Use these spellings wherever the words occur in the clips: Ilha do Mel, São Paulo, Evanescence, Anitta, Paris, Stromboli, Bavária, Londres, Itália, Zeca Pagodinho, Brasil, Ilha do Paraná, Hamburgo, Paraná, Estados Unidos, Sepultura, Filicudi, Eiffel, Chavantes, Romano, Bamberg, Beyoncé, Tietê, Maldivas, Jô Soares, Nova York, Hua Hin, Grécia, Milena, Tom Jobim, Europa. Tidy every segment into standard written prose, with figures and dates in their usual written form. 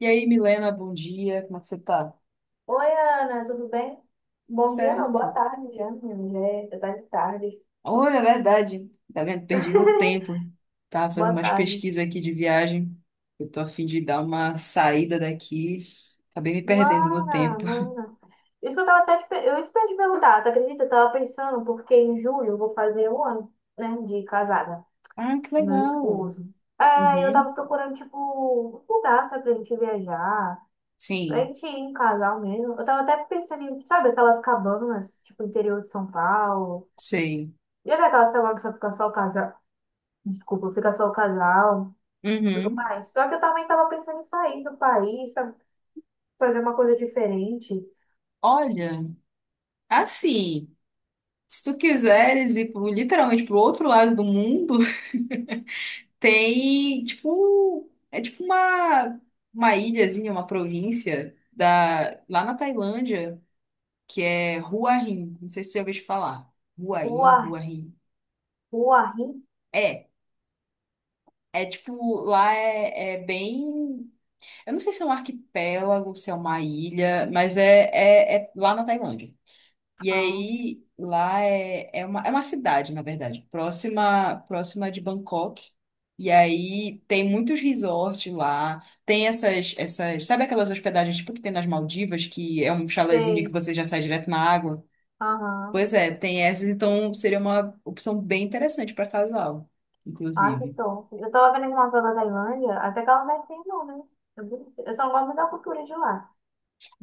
E aí, Milena, bom dia, como é que você tá? Oi, Ana, tudo bem? Bom dia, não, Certo. boa tarde já, menino, já tá de tarde. Olha, é verdade, tá vendo? Perdi no tempo. Tava fazendo Boa umas tarde. pesquisas aqui de viagem. Eu tô a fim de dar uma saída daqui. Acabei me perdendo no Mana, tempo. mana. Isso que eu ia te perguntar, tu acredita? Eu tava pensando, porque em julho eu vou fazer um ano, né, de casada, Ah, que com meu legal. esposo. É, eu Uhum. tava procurando, tipo, um lugar, sabe, pra gente viajar, pra Sim, gente ir em casal mesmo. Eu tava até pensando em, sabe, aquelas cabanas, tipo, interior de São Paulo. sei. Já vi aquelas cabanas que só fica só o casal? Desculpa, fica só o casal. Tudo Uhum. mais. Só que eu também estava pensando em sair do país, sabe? Fazer uma coisa diferente. Olha, assim, se tu quiseres ir literalmente pro outro lado do mundo. Tem, tipo, é tipo uma ilhazinha, uma província lá na Tailândia, que é Hua Hin. Não sei se você já ouviu falar. Hua Rua, Hin, Hua Hin. rua, rim. É, é tipo, lá é bem. Eu não sei se é um arquipélago, se é uma ilha, mas é lá na Tailândia. E Ah, aí, lá é uma, é uma cidade, na verdade, próxima de Bangkok. E aí tem muitos resorts lá, tem essas, sabe aquelas hospedagens tipo que tem nas Maldivas, que é um chalezinho que sei. você já sai direto na água? Aham. Pois é, tem essas, então seria uma opção bem interessante para casal, Ah, que inclusive. top. Eu tava vendo uma novela da Tailândia, até que ela não é feia, não, né? É bonita. Eu só não gosto muito da cultura de lá.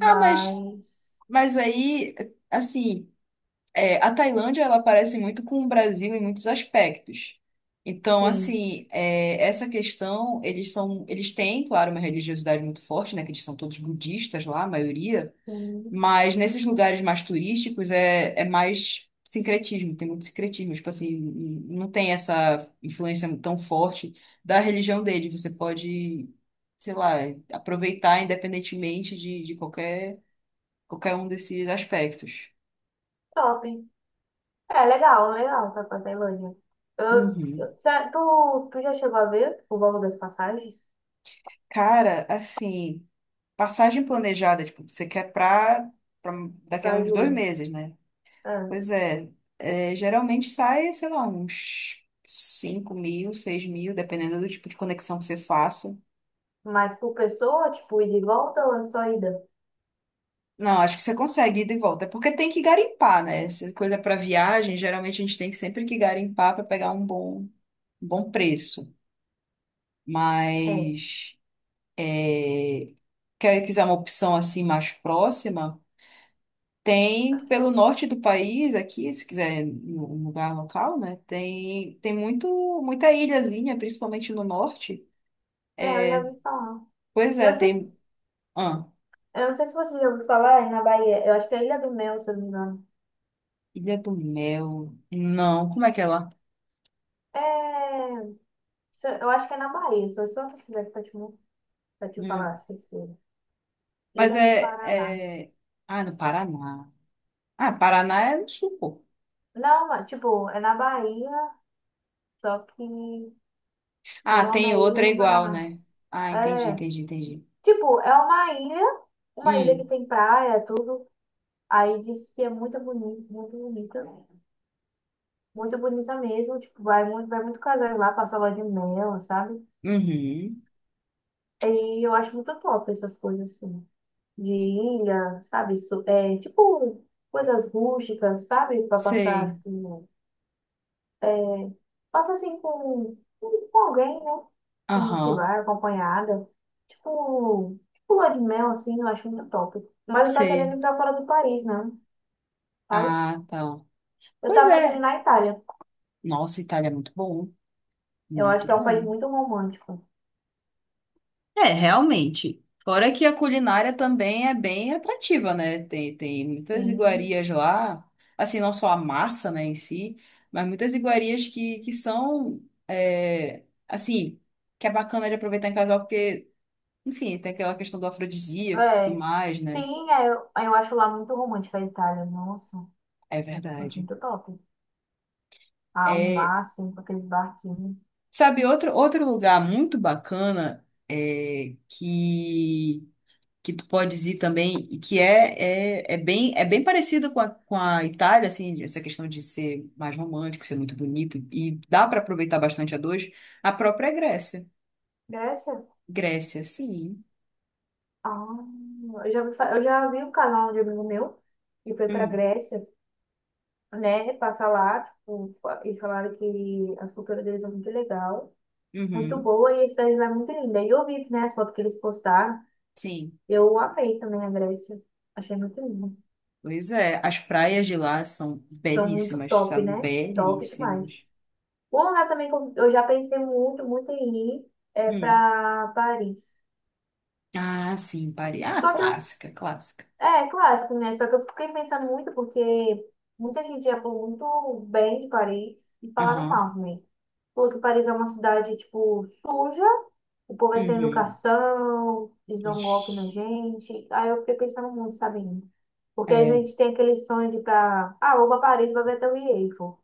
Ah, mas, mas aí, assim. É, a Tailândia, ela parece muito com o Brasil em muitos aspectos. Então, sim. assim, essa questão, eles têm, claro, uma religiosidade muito forte, né? Que eles são todos budistas lá, a maioria. Hum, Mas nesses lugares mais turísticos é mais sincretismo, tem muito sincretismo. Tipo assim, não tem essa influência tão forte da religião dele. Você pode, sei lá, aproveitar independentemente de qualquer um desses aspectos. Top. É, legal, legal, tá pra Tailândia. Eu, Uhum. eu, cê- tu, tu já chegou a ver o valor das passagens? Cara, assim, passagem planejada, tipo, você quer pra, pra daqui a Pra uns dois julho. meses, né? É. Pois é, geralmente sai, sei lá, uns 5 mil, 6 mil, dependendo do tipo de conexão que você faça. Mas por pessoa, tipo, ida e volta ou é só ida? Não, acho que você consegue ir de volta, é porque tem que garimpar, né? Essa coisa para viagem, geralmente a gente tem que sempre que garimpar para pegar um bom preço. É. Mas, quer quiser uma opção assim mais próxima. Tem pelo norte do país aqui, se quiser um lugar local, né? Tem muito muita ilhazinha, principalmente no norte. É, eu já ouvi falar. Pois Eu é, não sei se, tem ah, eu não sei se você já ouviu falar, é na Bahia. Eu acho que é Ilha do Mel, se eu não me engano. Ilha do Mel. Não, como é que é lá? É, eu acho que é na Bahia. Se eu só pesquisar aqui pra te falar, Hum. certeza. Mas Ilha é, do Paraná. é ah, no Paraná. Ah, Paraná é no sul, pô. Não, mas, tipo, é na Bahia, só que o Ah, nome tem é Ilha outra do igual, Paraná. né? Ah, entendi, É, entendi, entendi. tipo, é uma ilha que Hum. tem praia, tudo. Aí diz que é muito bonito, muito bonita. Muito bonita mesmo, tipo, vai muito casais lá, passar lua de mel, sabe? Uhum. E eu acho muito top essas coisas assim, de ilha, sabe? É, tipo, coisas rústicas, sabe? Pra Sei. passar, tipo, passa assim com alguém, né? A gente Aham. vai acompanhada. Tipo lua de mel, assim, eu acho muito top. Mas eu tô querendo Sei. ir pra fora do país, né? Sabe? Ah, tá. Eu Pois tava pensando em ir é. na Itália. Nossa, Itália é muito bom. Eu acho Muito que é um país bom. muito romântico. É, realmente. Fora que a culinária também é bem atrativa, né? Tem muitas Sim, iguarias lá, assim, não só a massa, né, em si, mas muitas iguarias que são, assim, que é bacana de aproveitar em casal, porque, enfim, tem aquela questão do afrodisíaco e tudo é. mais, né? Sim, é, eu acho lá muito romântica a Itália. Nossa, eu É acho verdade. muito top. Ah, o É, mar, assim, com aqueles barquinhos. sabe, outro lugar muito bacana é que tu podes ir também, e que é bem parecida com a Itália, assim, essa questão de ser mais romântico, ser muito bonito, e dá para aproveitar bastante a dois, a própria Grécia. Grécia? Grécia, sim. Ah, eu já vi um canal de amigo meu que foi pra Hum, Grécia, né, passar lá, tipo, eles falaram que as culturas deles são muito legal, muito uhum, boa, e a cidade lá é muito linda. E eu vi, né, as fotos que eles postaram, sim. eu amei também a Grécia, achei muito lindo. Pois é, as praias de lá são São muito belíssimas, top, sabe? né? Top demais. Belíssimas. Um lugar também que eu já pensei muito, muito em ir é Hum. pra Paris. Ah, sim, Paris. Ah, Só que eu clássica, clássica. É, clássico, né? Só que eu fiquei pensando muito porque muita gente já falou muito bem de Paris e falaram Aham. mal também. Falou que Paris é uma cidade, tipo, suja, o povo é sem Uhum. educação, eles dão golpe na Ixi. gente. Aí eu fiquei pensando muito, sabe? Porque a É, gente tem aquele sonho de ir pra. Ah, vou pra Paris, vou ver até o Eiffel,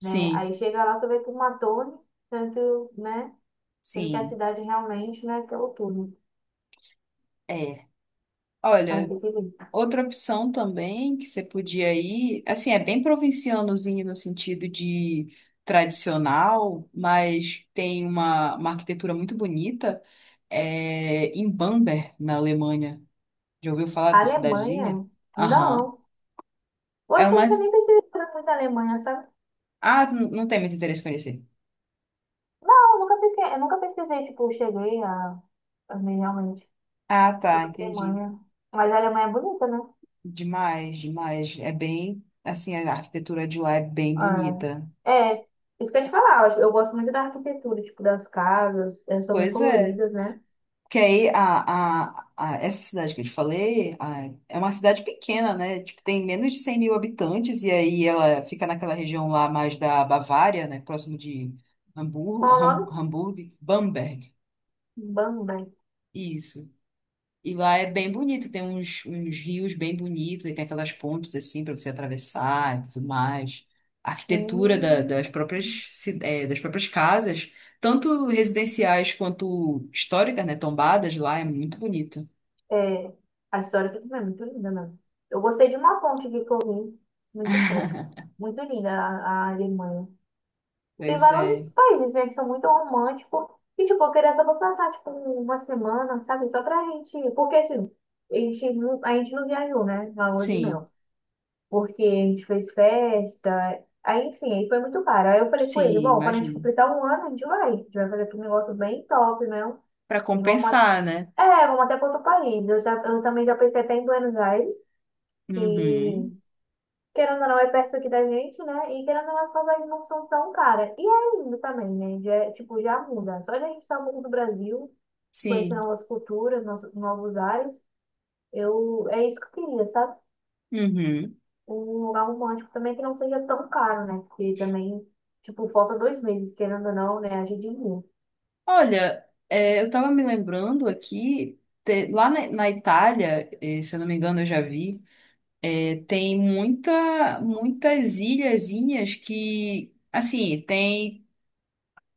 né? Aí chega lá, você vê que uma torre, tanto, né? Sendo que a sim. cidade realmente não é aquela torre. É. Aí Olha. tem que ver. Outra opção também que você podia ir, assim, é bem provincianozinho no sentido de tradicional, mas tem uma arquitetura muito bonita, é em Bamberg, na Alemanha. Já ouviu falar A dessa cidadezinha? Alemanha? Aham. Não. Eu É acho que eu uma. nunca nem pesquisei muito a Alemanha, sabe? Ah, não tem muito interesse em conhecer. Não, eu nunca pesquisei, tipo, eu cheguei a, ver realmente Ah, tá, sobre a entendi. Alemanha. Mas a Alemanha é bonita, né? Demais, demais. É bem, assim, a arquitetura de lá é bem bonita. É isso que eu ia te falar, eu gosto muito da arquitetura, tipo, das casas, elas são bem Pois é. coloridas, né? Porque aí a- essa cidade que eu te falei é uma cidade pequena, né? Tipo, tem menos de 100 mil habitantes, e aí ela fica naquela região lá mais da Bavária, né? Próximo de Qual o nome? Hamburgo, Bamberg. Bamberg. Isso. E lá é bem bonito, tem uns rios bem bonitos, e tem aquelas pontes assim para você atravessar e tudo mais. A arquitetura Hum, das próprias casas, tanto residenciais quanto históricas, né? Tombadas lá, é muito bonito. É, a história aqui também é muito linda, né? Eu gostei de uma ponte aqui que eu vi, muito top. Muito linda a Alemanha. Tem Pois vários é. outros países, né, que são muito românticos. E, tipo, eu queria só pra passar, tipo, uma semana, sabe? Só pra gente. Porque, assim, a gente não viajou, né, na lua de Sim, mel. Porque a gente fez festa. Aí, enfim, aí foi muito caro. Aí eu falei com ele: sim, bom, quando a gente imagino. completar um ano, a gente vai. A gente vai fazer aqui um negócio bem top, né? Para E compensar, né? Vamos até para outro país. Eu também já pensei até em Buenos Aires, que Uhum. querendo ou não, é perto aqui da gente, né? E querendo ou não, as passagens não são tão caras. E é lindo também, né? Já, é, tipo, já muda. Só de a gente estar um do Brasil, conhecer Sim. novas culturas, novos ares, é isso que eu queria, sabe? Uhum. Um lugar romântico também que não seja tão caro, né? Porque também, tipo, falta 2 meses, querendo ou não, né? A gente viu, Olha, eu estava me lembrando aqui, lá na Itália, se eu não me engano, eu já vi, tem muitas ilhazinhas que, assim, tem,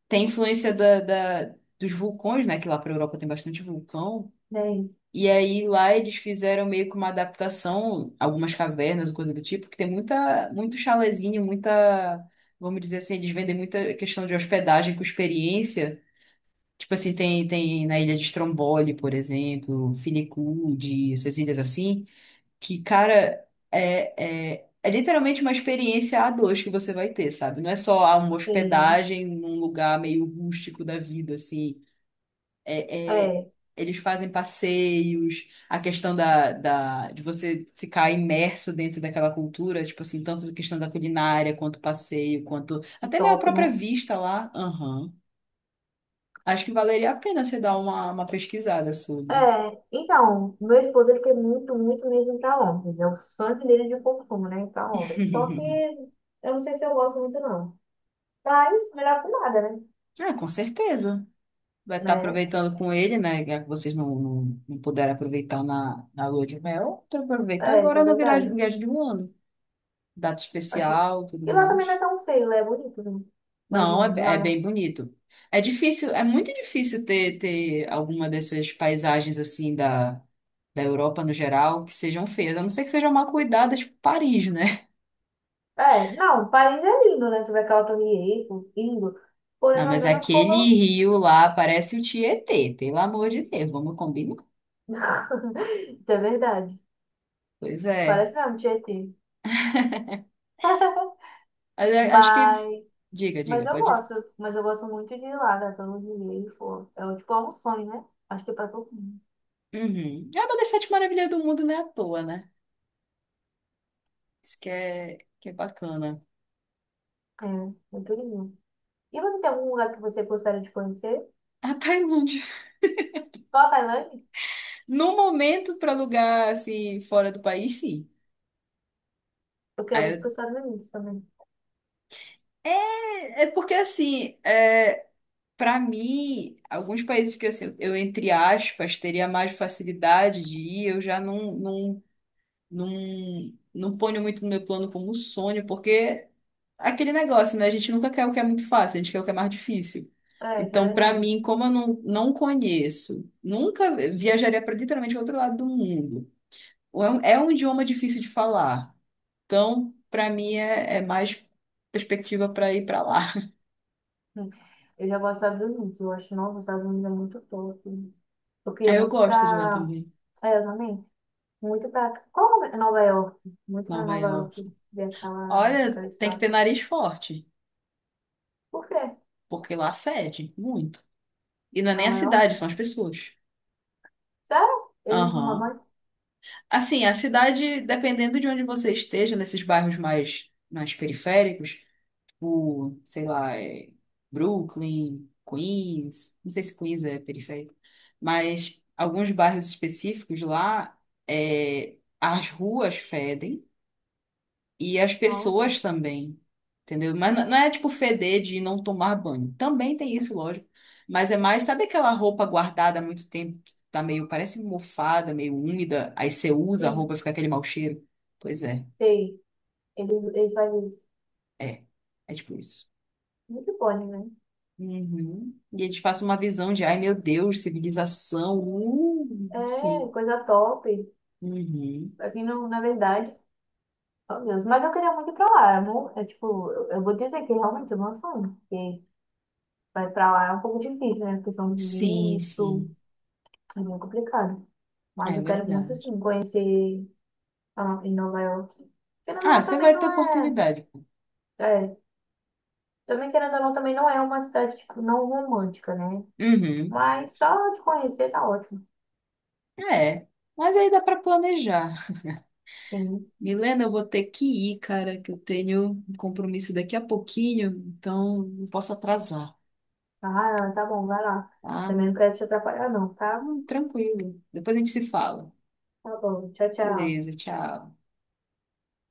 tem influência dos vulcões, né? Que lá para a Europa tem bastante vulcão. né? E aí lá eles fizeram meio que uma adaptação, algumas cavernas, coisa do tipo, que tem muito chalezinho, vamos dizer assim, eles vendem muita questão de hospedagem com experiência. Tipo assim, tem na ilha de Stromboli, por exemplo, Filicudi, essas ilhas assim, que, cara, é literalmente uma experiência a dois que você vai ter, sabe? Não é só uma Enfim, hospedagem num lugar meio rústico da vida, assim é, é, é, eles fazem passeios, a questão de você ficar imerso dentro daquela cultura, tipo assim, tanto a questão da culinária, quanto passeio, quanto o até minha toque, própria né? vista lá. Aham. Acho que valeria a pena você dar uma pesquisada sobre. É, então, meu esposo ele quer muito, muito mesmo ir pra Londres. É o sonho dele de consumo, né? Ir pra Londres. Só que eu não sei se eu gosto muito, não. Mas melhor que nada, né? Ah, com certeza. Vai estar Né? aproveitando com ele, né? Já que vocês não puderam aproveitar na lua de mel, então aproveita É, isso agora é na verdade. viagem de um ano. Data Acho... especial, tudo E lá também não é mais. tão feio, lá é bonito, né? Não, Imagina, é lá. bem bonito. É difícil, é muito difícil ter alguma dessas paisagens assim da Europa no geral que sejam feias, a não ser que sejam mal cuidadas tipo Paris, né? É, não, o país é lindo, né? Tu vê aquela Torre Eiffel, lindo. Porém, Não, não é mas mesmo que o aquele povo. rio lá parece o Tietê, pelo amor de Deus, vamos combinar? Isso é verdade. Pois é. Parece mesmo Tietê. Mas acho que. Mas. Diga, diga, pode dizer. Mas eu gosto muito de ir lá, né? Todo dia e for. É tipo, é um sonho, né? Acho que pra todo mundo. Uhum. É uma das sete maravilhas do mundo, não é à toa, né? Isso que é bacana. É, muito lindo. E você tem algum lugar que você gostaria de conhecer? A Tailândia. Só a Tailândia? No momento, para lugar assim, fora do país, sim. Eu queria muito ir para Aí os Estados Unidos também. é porque assim, para mim, alguns países que assim, eu, entre aspas, teria mais facilidade de ir, eu já não ponho muito no meu plano como sonho, porque aquele negócio, né? A gente nunca quer o que é muito fácil, a gente quer o que é mais difícil. É, isso é Então, para verdade. mim, como eu não conheço, nunca viajaria para literalmente o outro lado do mundo. É um idioma difícil de falar. Então, para mim, é mais perspectiva para ir para lá. Hum. Eu já gosto dos Estados Unidos. Eu acho, nossa, os Estados Unidos é muito top. Eu queria Aí eu muito gosto de lá pra. também, É, eu também. Muito pra. Qual o nome? Nova York. Muito pra Nova Nova York. York. Ver aquela, Olha, aquela tem que ter estátua. nariz forte, Por quê? porque lá fede muito. E não é nem a Nova York? cidade, são as pessoas. Sério? Eles não Aham. mamãe? Assim, a cidade, dependendo de onde você esteja, nesses bairros mais periféricos, sei lá, é Brooklyn, Queens, não sei se Queens é periférico, mas alguns bairros específicos lá, as ruas fedem. E as Nossa. pessoas também, entendeu? Mas não é tipo feder de não tomar banho. Também tem isso, lógico. Mas é mais, sabe aquela roupa guardada há muito tempo, que tá meio, parece mofada, meio úmida, aí você usa a roupa Sim. e fica aquele mau cheiro? Pois é, Sei, ele, ele faz isso. é. É tipo isso. Muito bom, né? Uhum. E eles passam uma visão de, ai meu Deus, civilização, É, enfim. coisa top. Uhum. Aqui, no, na verdade, oh Deus. Mas eu queria muito ir pra lá, amor. É tipo, eu vou dizer que realmente é uma sonho. Porque vai pra lá é um pouco difícil, né? Questão são Sim, visto, sim, é meio complicado. Mas é eu quero muito, verdade. sim, conhecer em Nova York. Querendo ou Ah, não, você também vai ter não é. oportunidade. É, também querendo ou não, também não é uma cidade, tipo, não romântica, né? Uhum. Mas só de conhecer tá ótimo. É, mas aí dá pra planejar. Sim. Milena, eu vou ter que ir, cara, que eu tenho um compromisso daqui a pouquinho, então não posso atrasar, Ah, tá bom, vai lá. tá? Também não quero te atrapalhar, não, tá? Tranquilo. Depois a gente se fala. Tá bom, tchau, tchau. Beleza, tchau.